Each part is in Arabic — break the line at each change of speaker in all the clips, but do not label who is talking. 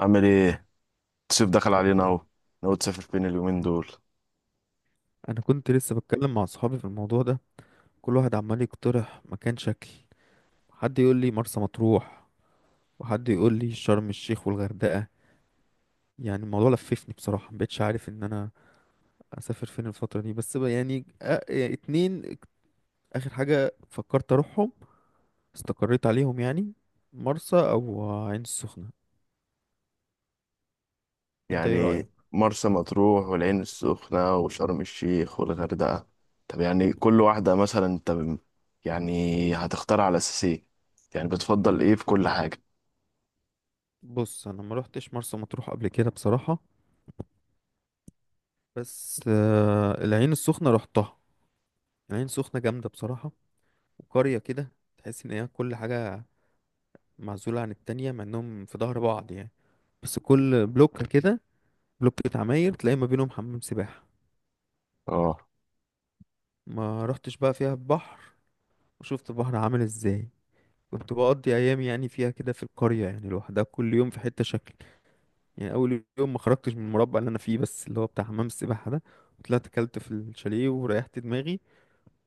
عامل ايه؟ الصيف دخل علينا اهو. ناوي تسافر فين اليومين دول؟
انا كنت لسه بتكلم مع اصحابي في الموضوع ده. كل واحد عمال يقترح مكان شكل. حد يقول لي مرسى مطروح، وحد يقول لي شرم الشيخ والغردقة. يعني الموضوع لففني بصراحة، مبقتش عارف ان انا اسافر فين الفترة دي. بس بقى يعني اتنين اخر حاجة فكرت اروحهم، استقريت عليهم يعني: مرسى او عين السخنة. انت ايه
يعني
رأيك؟
مرسى مطروح والعين السخنة وشرم الشيخ والغردقة. طب يعني كل واحدة مثلا يعني هتختار على اساس ايه؟ يعني بتفضل ايه في كل حاجة؟
بص، انا ما روحتش مرسى مطروح قبل كده بصراحة، بس العين السخنة روحتها. العين السخنة جامدة بصراحة، وقرية كده، تحس ان هي كل حاجة معزولة عن التانية، مع انهم في ظهر بعض يعني. بس كل بلوك كده، بلوك بتاع عماير تلاقي ما بينهم حمام سباحة.
اه،
ما رحتش بقى فيها البحر وشفت البحر عامل ازاي. كنت بقضي ايام يعني فيها كده في القرية يعني لوحدها، كل يوم في حتة شكل. يعني اول يوم ما خرجتش من المربع اللي انا فيه، بس اللي هو بتاع حمام السباحة ده. طلعت كلت في الشاليه وريحت دماغي.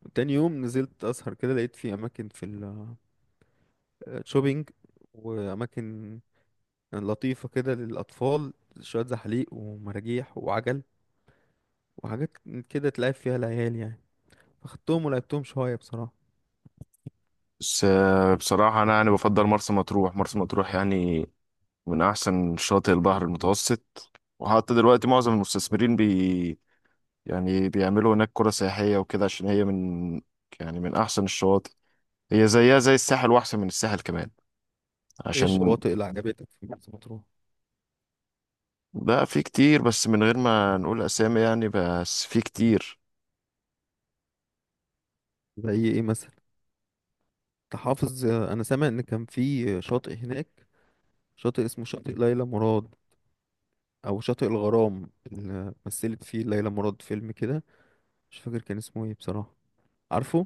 وتاني يوم نزلت اسهر كده، لقيت في اماكن في الشوبينج، واماكن لطيفة كده للأطفال، شوية زحليق ومراجيح وعجل وحاجات كده تلعب فيها العيال يعني. فخدتهم ولعبتهم شوية بصراحة.
بس بصراحة انا يعني بفضل مرسى مطروح، مرسى مطروح يعني من احسن شاطئ البحر المتوسط. وحتى دلوقتي معظم المستثمرين بي يعني بيعملوا هناك قرى سياحية وكده عشان هي من يعني من احسن الشواطئ. هي زيها زي الساحل واحسن من الساحل كمان
ايه
عشان.
الشواطئ اللي عجبتك في مرسى مطروح؟
لا، في كتير بس من غير ما نقول اسامي، يعني بس في كتير.
زي ايه مثلا؟ انت حافظ؟ انا سامع ان كان في شاطئ هناك، شاطئ اسمه شاطئ ليلى مراد، او شاطئ الغرام اللي مثلت فيه ليلى مراد فيلم كده. مش فاكر كان اسمه ايه بصراحة. عارفه؟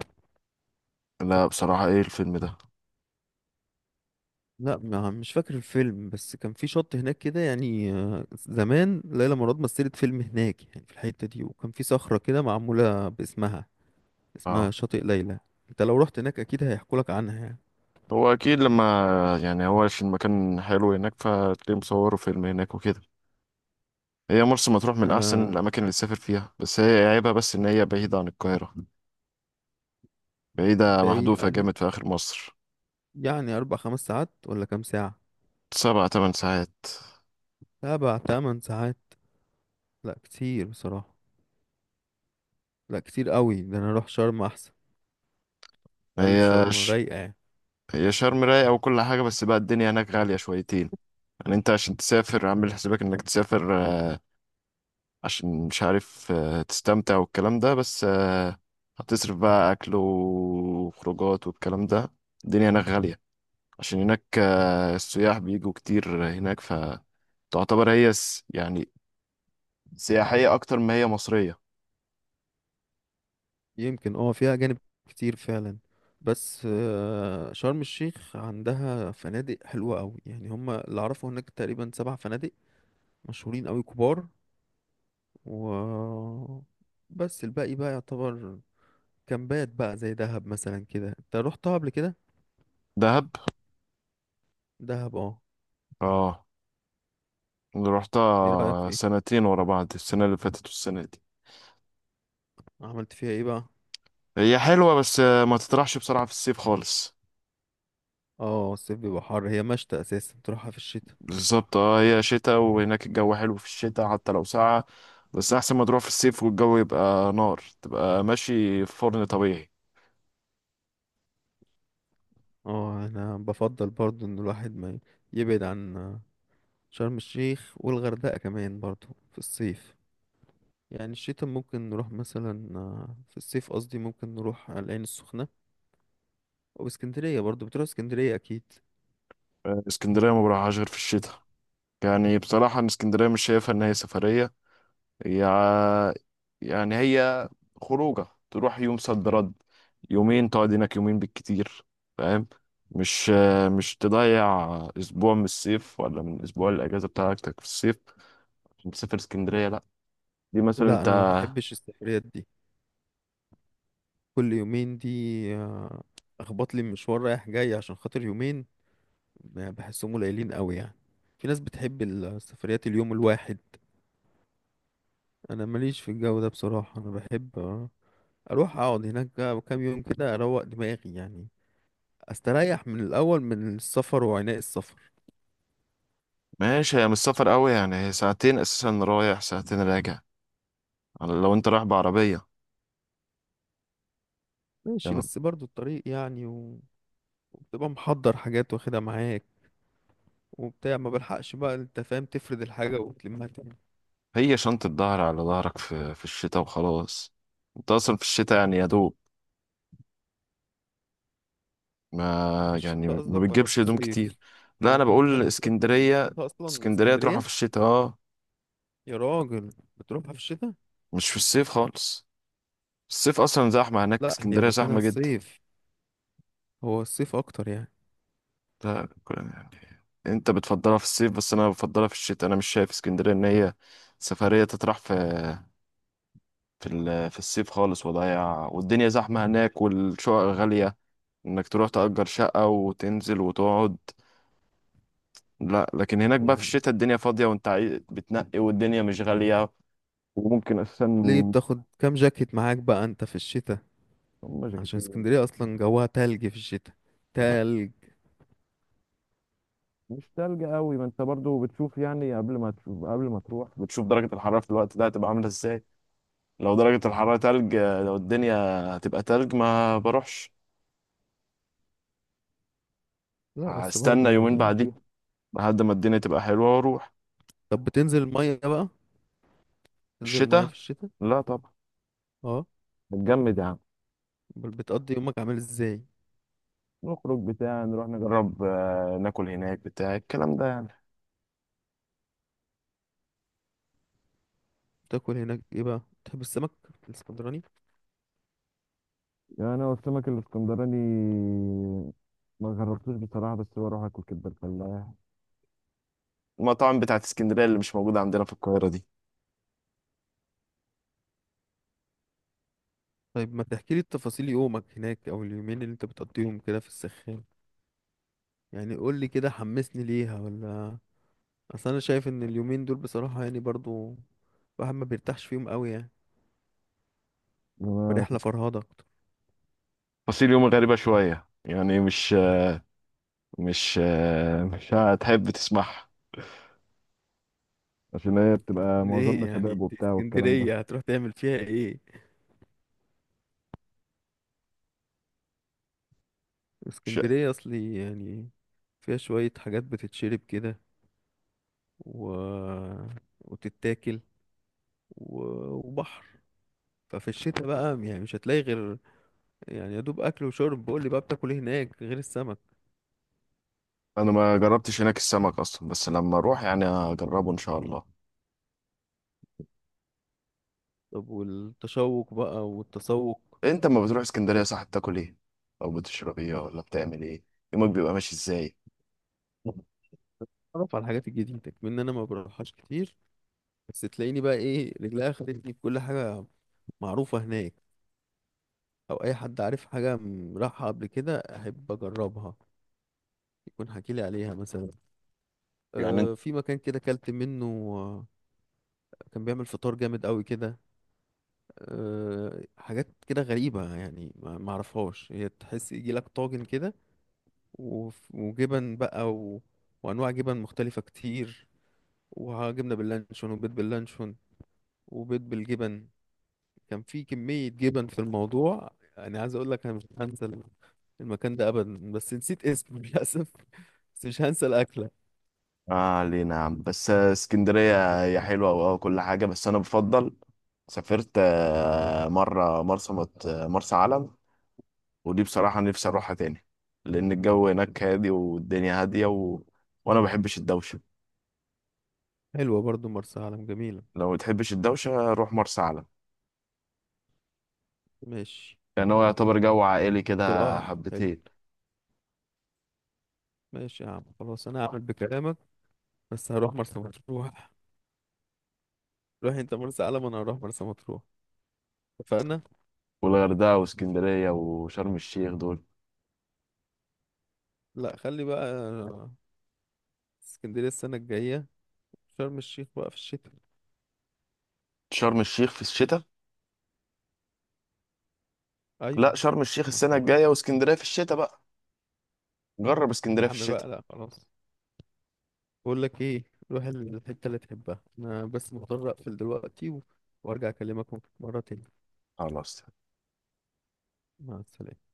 لا بصراحة ايه الفيلم ده؟
لا، ما مش فاكر الفيلم، بس كان في شط هناك كده يعني. زمان ليلى مراد مثلت فيلم هناك يعني، في الحتة دي، وكان في صخرة كده معمولة باسمها، اسمها
اه،
شاطئ ليلى. انت لو رحت هناك اكيد هيحكولك عنها يعني.
هو اكيد لما، يعني هو عشان المكان حلو هناك فتلاقيه مصوره فيلم هناك وكده. هي مرسى مطروح من احسن
انا
الاماكن اللي تسافر فيها، بس هي عيبها بس ان هي بعيدة عن القاهرة. بعيدة
بعيد
محذوفة
عن-
جامد، في اخر مصر.
يعني اربع خمس ساعات ولا كام ساعة؟
سبع تمن ساعات.
سبع تمن ساعات؟ لا كتير بصراحة. لا كتير قوي، ده انا اروح شرم احسن.
ما
قال شرم
هيش،
رايقة يعني.
هي شرم رايقة وكل حاجة، بس بقى الدنيا هناك غالية شويتين. يعني انت عشان تسافر عامل حسابك انك تسافر عشان مش عارف تستمتع والكلام ده، بس هتصرف بقى أكل وخروجات والكلام ده. الدنيا هناك غالية عشان هناك السياح بيجوا كتير هناك، فتعتبر هي يعني سياحية أكتر ما هي مصرية.
يمكن اه فيها أجانب كتير فعلا. بس شرم الشيخ عندها فنادق حلوة أوي، يعني هما اللي أعرفه هناك تقريبا سبع فنادق مشهورين أوي كبار. و بس الباقي بقى يعتبر كامبات بقى، زي دهب مثلا كده. انت رحتها قبل كده
دهب؟
دهب؟ اه،
اه، اللي
ايه رأيك
رحتها
فيها؟
سنتين ورا بعض، السنة اللي فاتت والسنة دي.
عملت فيها ايه بقى؟
هي حلوة بس ما تطرحش بسرعة في الصيف خالص.
اه الصيف بيبقى حر، هي مشتى اساسا تروحها في الشتاء.
بالظبط، اه، هي شتاء، وهناك الجو حلو في الشتاء حتى لو ساقعة. بس أحسن ما تروح في الصيف والجو يبقى نار، تبقى ماشي في فرن طبيعي.
اه انا بفضل برضو ان الواحد ما يبعد عن شرم الشيخ والغردقة كمان برضو في الصيف. يعني الشتاء ممكن نروح مثلا. في الصيف قصدي ممكن نروح على العين السخنة أو اسكندرية. برضه بتروح اسكندرية أكيد.
اسكندرية ما بروحهاش غير في الشتاء. يعني بصراحة أنا اسكندرية مش شايفها إن هي سفرية. هي ع- يعني هي خروجة، تروح يوم صد رد، يومين تقعد هناك، يومين بالكتير. فاهم؟ مش مش تضيع أسبوع من الصيف ولا من أسبوع الأجازة بتاعتك في الصيف عشان تسافر اسكندرية، لأ. دي مثلا
لا،
أنت.
أنا ما بحبش السفريات دي كل يومين دي. آه، أخبط لي مشوار رايح جاي عشان خاطر يومين، يعني بحسهم قليلين قوي يعني. في ناس بتحب السفريات اليوم الواحد، أنا ماليش في الجو ده بصراحة. أنا بحب أروح أقعد هناك بقى كام يوم كده، أروق دماغي يعني، أستريح من الأول من السفر وعناء السفر.
ماشي، هي مش سفر قوي يعني، هي ساعتين اساسا رايح ساعتين راجع لو انت رايح بعربية.
ماشي
يعني
بس برضه الطريق يعني، وبتبقى محضر حاجات واخدها معاك وبتاع، ما بلحقش بقى انت فاهم تفرد الحاجة وتلمها تاني.
هي شنطة ظهر على ظهرك في الشتاء وخلاص. انت اصلا في الشتاء يعني يا دوب،
في
ما يعني
الشتاء
ما
قصدك ولا في
بتجيبش هدوم كتير.
الصيف؟
لا
هو
انا
انت
بقول
بتحب تروح في
اسكندرية.
الشتاء اصلا
اسكندرية تروحها
اسكندرية؟
في الشتاء، اه،
يا راجل، بتروحها في الشتاء؟
مش في الصيف خالص. الصيف اصلا زحمة هناك،
لا، هي
اسكندرية
مكانها
زحمة جدا.
الصيف، هو الصيف اكتر يعني.
لا يعني انت بتفضلها في الصيف، بس انا بفضلها في الشتاء. انا مش شايف اسكندرية ان هي سفرية تطرح في في الصيف خالص، وضايع والدنيا زحمة هناك والشقق غالية، انك تروح تأجر شقة وتنزل وتقعد. لا، لكن هناك بقى في
يعني
الشتاء الدنيا فاضية، وانت بتنقي والدنيا مش غالية. وممكن اساسا
ليه
هم.
بتاخد كام جاكيت معاك بقى انت في الشتاء؟ عشان
جاكيتين.
اسكندرية اصلا جواها تلج في الشتاء، تلج.
مش تلج قوي، ما انت برضو بتشوف، يعني قبل ما تشوف، قبل ما تروح بتشوف درجة الحرارة في الوقت ده هتبقى عاملة ازاي. لو درجة الحرارة تلج، لو الدنيا هتبقى تلج، ما بروحش.
لا بس
هستنى
برضو
يومين
يعني.
بعدين لحد ما الدنيا تبقى حلوة واروح.
طب بتنزل المية بقى؟ تنزل المية
الشتاء؟
في الشتاء؟
لا طبعا،
اه،
نتجمد يا عم.
بتقضي يومك عامل ازاي؟
نخرج بتاع، نروح نجرب ناكل هناك بتاع، الكلام ده يعني.
تاكل هناك ايه بقى؟ تحب السمك الاسكندراني؟
يعني انا والسمك الاسكندراني ما جربتوش بصراحه، بس بروح اكل كبده الفلاح، المطاعم بتاعت اسكندرية اللي مش موجودة عندنا في القاهرة دي.
طيب ما تحكي لي التفاصيل يومك هناك، او اليومين اللي انت بتقضيهم كده في السخان. يعني قول لي كده، حمسني ليها ولا. اصل انا شايف ان اليومين دول بصراحة يعني برضو الواحد ما بيرتاحش فيهم قوي يعني،
أنا-
فرحلة فرهضة أكتر.
فصيل يومي غريبة شوية يعني، مش مش مش هتحب تسمعها، عشان هي بتبقى معظمنا
ايه يعني
شباب
دي،
وبتاع والكلام ده.
اسكندرية هتروح تعمل فيها ايه؟
مش-
اسكندرية اصلي يعني فيها شوية حاجات بتتشرب كده و... وتتاكل و... وبحر. ففي الشتاء بقى يعني مش هتلاقي غير، يعني يا دوب اكل وشرب. بقول لي بقى بتاكل ايه هناك غير السمك؟
انا ما جربتش هناك السمك اصلا، بس لما اروح يعني هجربه ان شاء الله.
طب والتشوق بقى والتسوق؟
انت لما بتروح اسكندريه، صح، بتاكل ايه او بتشرب ايه، ولا بتعمل ايه؟ يومك بيبقى ماشي ازاي؟
اتعرف على الحاجات الجديده كمان. انا ما بروحهاش كتير، بس تلاقيني بقى ايه رجليا خدتني في كل حاجه معروفه هناك، او اي حد عارف حاجه راحها قبل كده احب اجربها، يكون حكي لي عليها مثلا.
يعني انت.
أه في مكان كده كلت منه، آه، كان بيعمل فطار جامد قوي كده. أه حاجات كده غريبه يعني ما اعرفهاش. هي تحس يجي لك طاجن كده، وجبن بقى و... وانواع جبن مختلفه كتير، وجبنه باللانشون وبيض باللانشون وبيض بالجبن. كان في كميه جبن في الموضوع. يعني عايز اقول لك انا مش هنسى المكان ده ابدا، بس نسيت اسمه للاسف. بس مش هنسى الاكله.
اه، علينا يا عم. بس اسكندريه هي حلوه وكل حاجه، بس انا بفضل. سافرت مره مرسى مط- آه، مرسى علم، ودي بصراحه نفسي اروحها تاني، لان الجو هناك هادي والدنيا هاديه و... وانا ما بحبش الدوشه.
حلوه برضو مرسى علم، جميله.
لو ما تحبش الدوشة، روح مرسى علم.
ماشي،
يعني هو يعتبر جو عائلي كده.
اقتراح حلو.
حبتين.
ماشي يا عم، خلاص انا هعمل بكلامك، بس هروح مرسى مطروح. روح انت مرسى علم وانا هروح مرسى مطروح، اتفقنا.
والغردقة واسكندرية وشرم الشيخ دول؟
لا، خلي بقى اسكندريه السنه الجايه، شرم الشيخ بقى في الشتاء.
شرم الشيخ في الشتاء؟ لا،
ايوه.
شرم الشيخ
ما
السنة
احنا قلنا.
الجاية، واسكندرية في الشتاء بقى. جرب
يا
اسكندرية في
عم
الشتاء.
بقى لا خلاص. بقول لك ايه، روح الحته اللي تحبها. انا بس مضطر اقفل دلوقتي و... وارجع اكلمك مرة تاني.
خلاص.
مع السلامه.